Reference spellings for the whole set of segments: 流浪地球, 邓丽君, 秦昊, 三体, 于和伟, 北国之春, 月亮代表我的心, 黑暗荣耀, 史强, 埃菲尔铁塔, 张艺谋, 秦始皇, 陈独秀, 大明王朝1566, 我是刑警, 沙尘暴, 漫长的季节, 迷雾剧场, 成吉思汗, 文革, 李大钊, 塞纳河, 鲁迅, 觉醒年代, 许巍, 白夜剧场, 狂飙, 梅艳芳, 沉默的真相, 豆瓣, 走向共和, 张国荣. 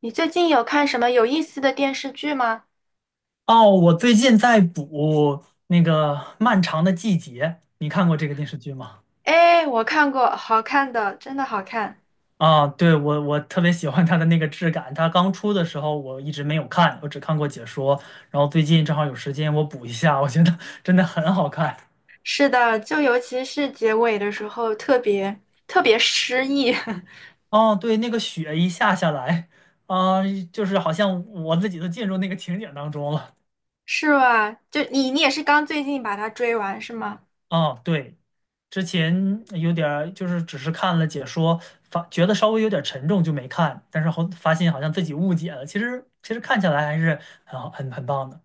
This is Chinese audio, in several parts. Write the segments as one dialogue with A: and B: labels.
A: 你最近有看什么有意思的电视剧吗？
B: 哦，我最近在补那个《漫长的季节》，你看过这个电视剧吗？
A: 哎，我看过，好看的，真的好看。
B: 啊，对，我特别喜欢它的那个质感。它刚出的时候我一直没有看，我只看过解说。然后最近正好有时间，我补一下，我觉得 真的很好看。
A: 是的，就尤其是结尾的时候，特别诗意，
B: 哦，对，那个雪一下下来，啊，就是好像我自己都进入那个情景当中了。
A: 是吧？就你也是刚最近把它追完是吗？
B: 哦，对，之前有点儿就是只是看了解说，发觉得稍微有点沉重就没看，但是后发现好像自己误解了。其实看起来还是很好很棒的。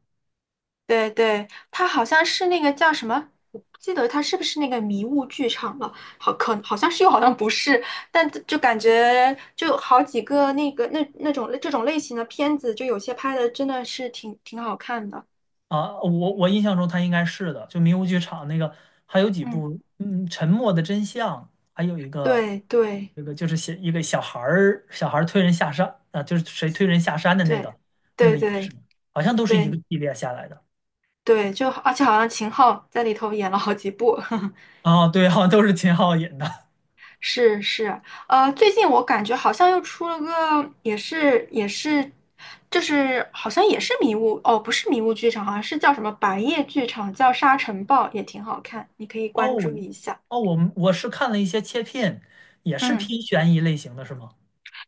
A: 对，它好像是那个叫什么，我不记得它是不是那个迷雾剧场了，好像是又好像不是，但就感觉就好几个那种这种类型的片子，就有些拍的真的是挺好看的，
B: 啊！我印象中他应该是的，就迷雾剧场那个，还有几
A: 嗯。
B: 部，嗯，《沉默的真相》，还有一个
A: 对对
B: 这个就是写一个小孩儿推人下山啊，就是谁推人下山的那
A: 对
B: 个那
A: 对
B: 个也
A: 对
B: 是，好像都是一个
A: 对
B: 系列下来的。
A: 对，就而且好像秦昊在里头演了好几部，
B: 啊，对，好像都是秦昊演的。
A: 是，最近我感觉好像又出了个，也是，就是好像也是迷雾，哦，不是迷雾剧场，好像是叫什么白夜剧场，叫《沙尘暴》，也挺好看，你可以关注
B: 哦
A: 一下。
B: 哦，我是看了一些切片，也是
A: 嗯。
B: 偏悬疑类型的，是吗？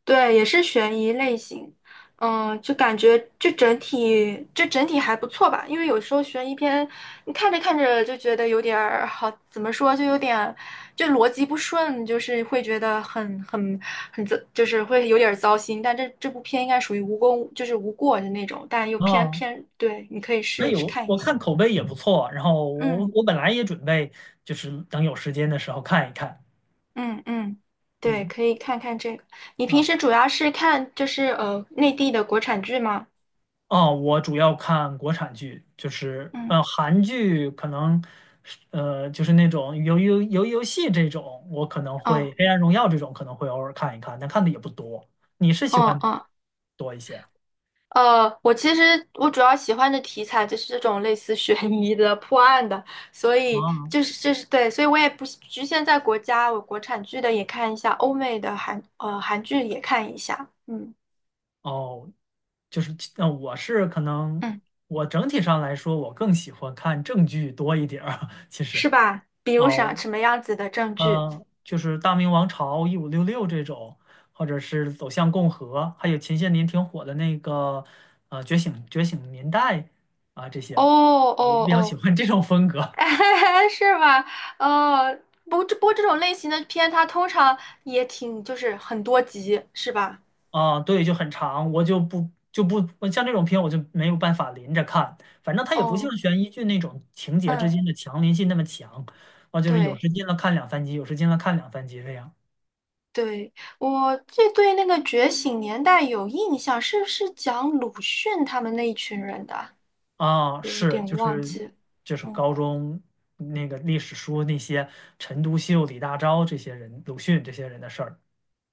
A: 对，也是悬疑类型，嗯，就感觉就整体还不错吧，因为有时候悬疑片你看着看着就觉得有点儿好，怎么说就有点就逻辑不顺，就是会觉得很糟，就是会有点儿糟心。但这部片应该属于无功，就是无过的那种，但又偏
B: 啊，
A: 偏对，你可以试
B: 还
A: 一试
B: 有
A: 看一
B: 我
A: 下。
B: 看口碑也不错，然后我
A: 嗯
B: 我本来也准备就是等有时间的时候看一看。
A: 嗯嗯，对，
B: 嗯。
A: 可以看看这个。你平
B: 啊。
A: 时主要是看就是内地的国产剧吗？
B: 哦，我主要看国产剧，就是
A: 嗯。
B: 韩剧可能是就是那种游戏这种，我可能会
A: 哦。
B: 《黑暗荣耀》这种可能会偶尔看一看，但看的也不多。你是喜
A: 嗯
B: 欢哪
A: 嗯，
B: 多一些
A: 我其实主要喜欢的题材就是这种类似悬疑的、破案的，所以
B: 啊？
A: 就是对，所以我也不局限在国家，我国产剧的也看一下，欧美的韩剧也看一下，嗯
B: 哦，就是，我是可能
A: 嗯，
B: 我整体上来说，我更喜欢看正剧多一点儿。其实
A: 是吧？比
B: 啊，
A: 如啥什么样子的证据？
B: 就是《大明王朝》1566这种，或者是《走向共和》，还有前些年挺火的那个《觉醒年代》。啊，这些
A: 哦
B: 我
A: 哦
B: 比较喜欢这种风
A: 哦，
B: 格。
A: 是吧？呃，不，这不过这种类型的片它通常也挺就是很多集，是吧？
B: 啊，对，就很长，我就不像这种片我就没有办法连着看，反正它也不像
A: 哦，
B: 悬疑剧那种情节之
A: 嗯，
B: 间的强连性那么强，啊，就是有
A: 对。
B: 时间了看两三集，有时间了看两三集这样。
A: 对，我这对那个《觉醒年代》有印象，是不是讲鲁迅他们那一群人的啊？
B: 啊，
A: 有
B: 是
A: 点
B: 就
A: 忘
B: 是
A: 记了。
B: 就是
A: 嗯
B: 高中那个历史书那些陈独秀、李大钊这些人，鲁迅这些人的事儿。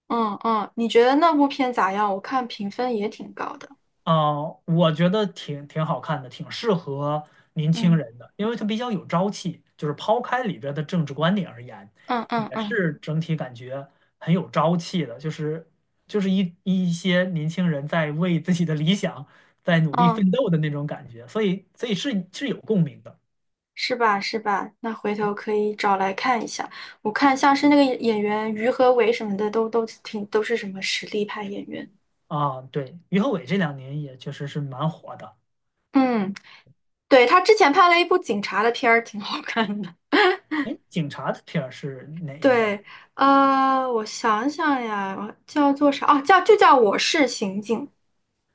A: 嗯嗯，你觉得那部片咋样？我看评分也挺高的。
B: 啊，我觉得挺好看的，挺适合年轻
A: 嗯
B: 人的，因为它比较有朝气。就是抛开里边的政治观点而言，
A: 嗯嗯
B: 也
A: 嗯
B: 是整体感觉很有朝气的。就是一些年轻人在为自己的理想在努力
A: 嗯，
B: 奋斗的那种感觉，所以是有共鸣的。
A: 是吧？那回头可以找来看一下。我看像是那个演员于和伟什么的，都是什么实力派演员。
B: 啊。对，于和伟这两年也确实是蛮火的。
A: 嗯，对，他之前拍了一部警察的片儿，挺好看的。
B: 哎，警察的片儿是哪一个？
A: 对，我想想呀，叫做啥？哦，叫《我是刑警》。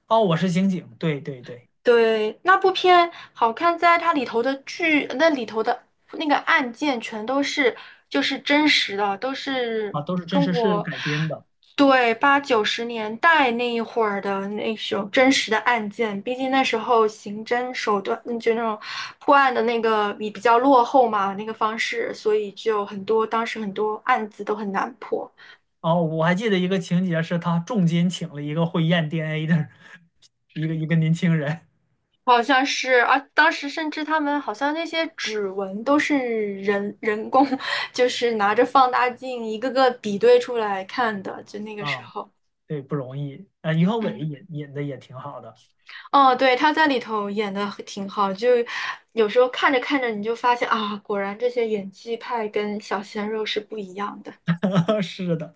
B: 哦，我是刑警。对对对。
A: 对，那部片好看在它里头的剧，那里头的那个案件全都是就是真实的，都是
B: 啊，都是真
A: 中
B: 实事
A: 国
B: 改编的。
A: 对八九十年代那一会儿的那种真实的案件。毕竟那时候刑侦手段，嗯就那种破案的那个比较落后嘛，那个方式，所以就很多当时很多案子都很难破。
B: 哦，我还记得一个情节是他重金请了一个会验 DNA 的一个年轻人。
A: 好像是啊，当时甚至他们好像那些指纹都是人工，就是拿着放大镜一个个比对出来看的，就那个时
B: 啊，
A: 候。
B: 对，不容易啊。于和伟
A: 嗯，
B: 演的也挺好的，
A: 哦，对，他在里头演的挺好，就有时候看着看着你就发现啊，果然这些演技派跟小鲜肉是不一样的。
B: 是的。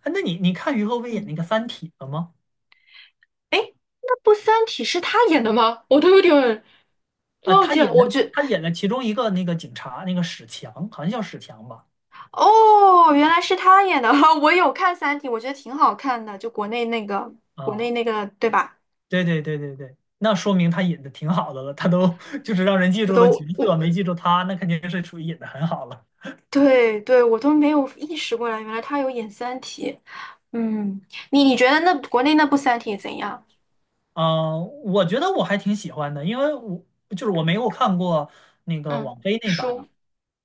B: 啊，那你看于和伟演
A: 嗯，
B: 那个《三体》了吗？
A: 哎，那部《三体》是他演的吗？我都有点
B: 啊，
A: 忘
B: 他
A: 记了，
B: 演的。他演了其中一个那个警察，那个史强，好像叫史强吧？
A: 哦，原来是他演的，我有看《三体》，我觉得挺好看的，就国内那个，国内
B: 啊，
A: 那个，对吧？
B: 对对对对对，那说明他演的挺好的了。他都 就是让人记
A: 我
B: 住的角
A: 都我
B: 色，没记住他，那肯定是属于演的很好了。
A: 对，我都没有意识过来，原来他有演《三体》。嗯，你觉得那国内那部《三体》怎样？
B: 啊，我觉得我还挺喜欢的，因为就是我没有看过那个
A: 嗯，
B: 网飞那版啊，
A: 书，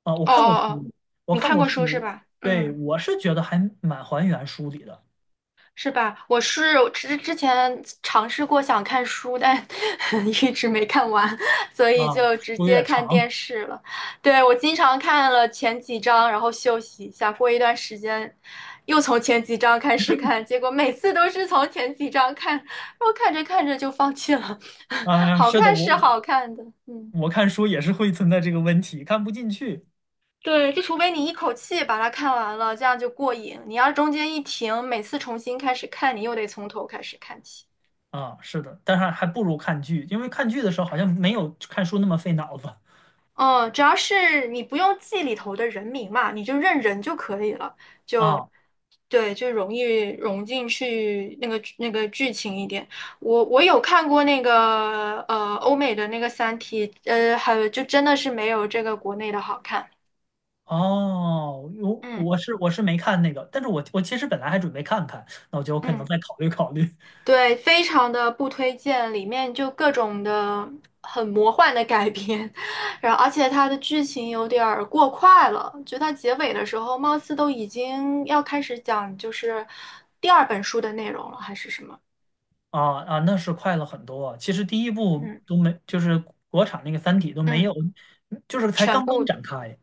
B: 我
A: 哦哦
B: 看过书，
A: 哦，
B: 我
A: 你
B: 看
A: 看
B: 过
A: 过书是
B: 书，
A: 吧？
B: 对，
A: 嗯。
B: 我是觉得还蛮还原书里的。
A: 是吧？我是之前尝试过想看书，但 一直没看完，所以
B: 啊，
A: 就直
B: 书有
A: 接
B: 点
A: 看
B: 长。
A: 电视了。对，我经常看了前几章，然后休息一下，过一段时间又从前几章开始看，结果每次都是从前几章看，然后看着看着就放弃了。
B: 啊，
A: 好
B: 是的，
A: 看
B: 我
A: 是
B: 我
A: 好看的，嗯。
B: 我看书也是会存在这个问题，看不进去。
A: 对，就除非你一口气把它看完了，这样就过瘾。你要中间一停，每次重新开始看，你又得从头开始看起。
B: 啊，是的，但是还不如看剧，因为看剧的时候好像没有看书那么费脑子。
A: 哦，主要是你不用记里头的人名嘛，你就认人就可以了，就
B: 啊。
A: 对，就容易融进去那个剧情一点。我有看过那个欧美的那个《三体》，还有就真的是没有这个国内的好看。
B: 哦，我
A: 嗯
B: 我是我是没看那个，但是我其实本来还准备看看，那我觉得我可能
A: 嗯。
B: 再考虑考虑。
A: 对，非常的不推荐，里面就各种的很魔幻的改编，然后而且它的剧情有点儿过快了，就它结尾的时候，貌似都已经要开始讲就是第二本书的内容了，还是什么？
B: 啊啊，那是快了很多。其实第一部
A: 嗯
B: 都没，就是国产那个《三体》都没
A: 嗯，
B: 有，就是才
A: 全
B: 刚刚
A: 部
B: 展开。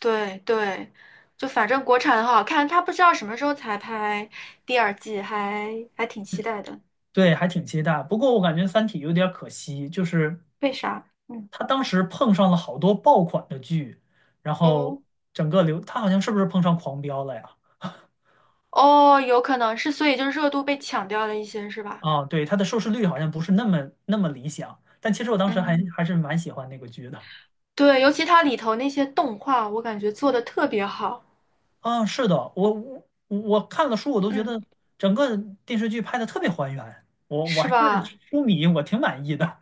A: 对，就反正国产很好看，它不知道什么时候才拍第二季，还还挺期待的。
B: 对，还挺期待。不过我感觉《三体》有点可惜，就是
A: 为啥？嗯，
B: 他当时碰上了好多爆款的剧，然后
A: 哦
B: 整个流，他好像是不是碰上狂飙了呀？
A: 哦，有可能是，所以就热度被抢掉了一些，是吧？
B: 啊，对，它的收视率好像不是那么理想。但其实我当时还
A: 嗯。
B: 还是蛮喜欢那个剧的。
A: 对，尤其它里头那些动画，我感觉做的特别好，
B: 啊，是的，我看了书，我都觉
A: 嗯，
B: 得整个电视剧拍的特别还原，我
A: 是
B: 还
A: 吧？
B: 是书迷，我挺满意的。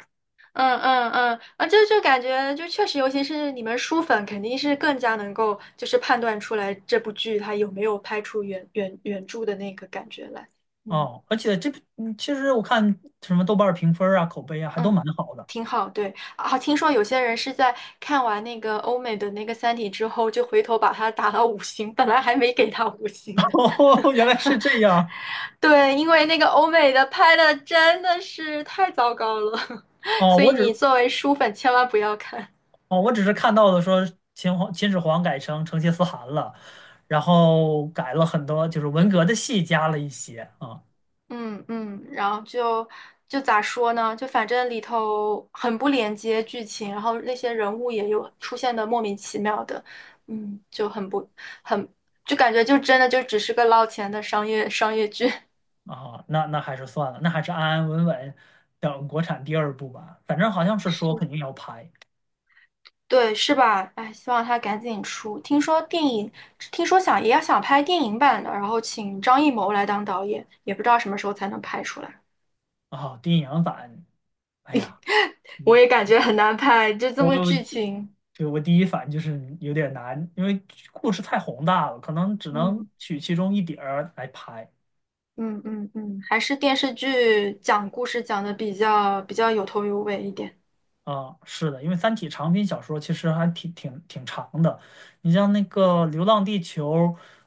A: 嗯嗯嗯，啊，就就感觉就确实，尤其是你们书粉，肯定是更加能够就是判断出来这部剧它有没有拍出原著的那个感觉来。嗯
B: 哦，而且这部其实我看什么豆瓣儿评分儿啊、口碑啊，还都
A: 嗯，
B: 蛮好的。
A: 挺好。对啊，听说有些人是在看完那个欧美的那个《三体》之后，就回头把它打了五星，本来还没给它五星 的。
B: 哦，原来是这样。
A: 对，因为那个欧美的拍的真的是太糟糕了，
B: 哦，
A: 所以
B: 我
A: 你
B: 只
A: 作为书粉千万不要看。
B: 哦，我只是看到的说秦始皇改成成吉思汗了，然后改了很多，就是文革的戏加了一些啊。
A: 嗯嗯，然后就就咋说呢？就反正里头很不连接剧情，然后那些人物也有出现的莫名其妙的，嗯，就很不很就感觉就真的就只是个捞钱的商业剧。
B: 啊，那还是算了，那还是安安稳稳等国产第二部吧。反正好像是说肯 定要拍。
A: 对，是吧？哎，希望他赶紧出。听说电影，听说想也要想拍电影版的，然后请张艺谋来当导演，也不知道什么时候才能拍出来。
B: 啊，电影版，哎呀，
A: 我
B: 嗯
A: 也感觉很难拍，就这么个剧
B: 我
A: 情。
B: 对我第一反应就是有点难，因为故事太宏大了，可能只能
A: 嗯
B: 取其中一点儿来拍。
A: 嗯嗯嗯，还是电视剧讲故事讲的比较有头有尾一点。
B: 啊。是的，因为《三体》长篇小说其实还挺长的，你像那个《流浪地球》，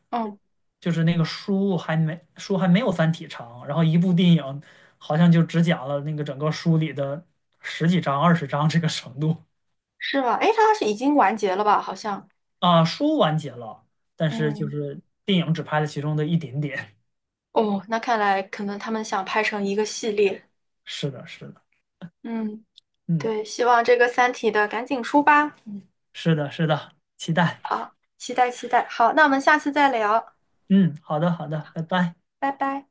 A: 嗯，
B: 就是那个书还没有《三体》长，然后一部电影好像就只讲了那个整个书里的十几章、20章这个程度。
A: 是吧？诶，它是已经完结了吧？好像。
B: 啊，书完结了，但是就
A: 嗯，
B: 是电影只拍了其中的一点点。
A: 哦，那看来可能他们想拍成一个系列。
B: 是的，是的，
A: 嗯，
B: 嗯，
A: 对，希望这个《三体》的赶紧出吧。
B: 是的，是的，期待。
A: 啊，期待期待。好，那我们下次再聊，
B: 嗯，好的，好的，拜拜。
A: 拜拜。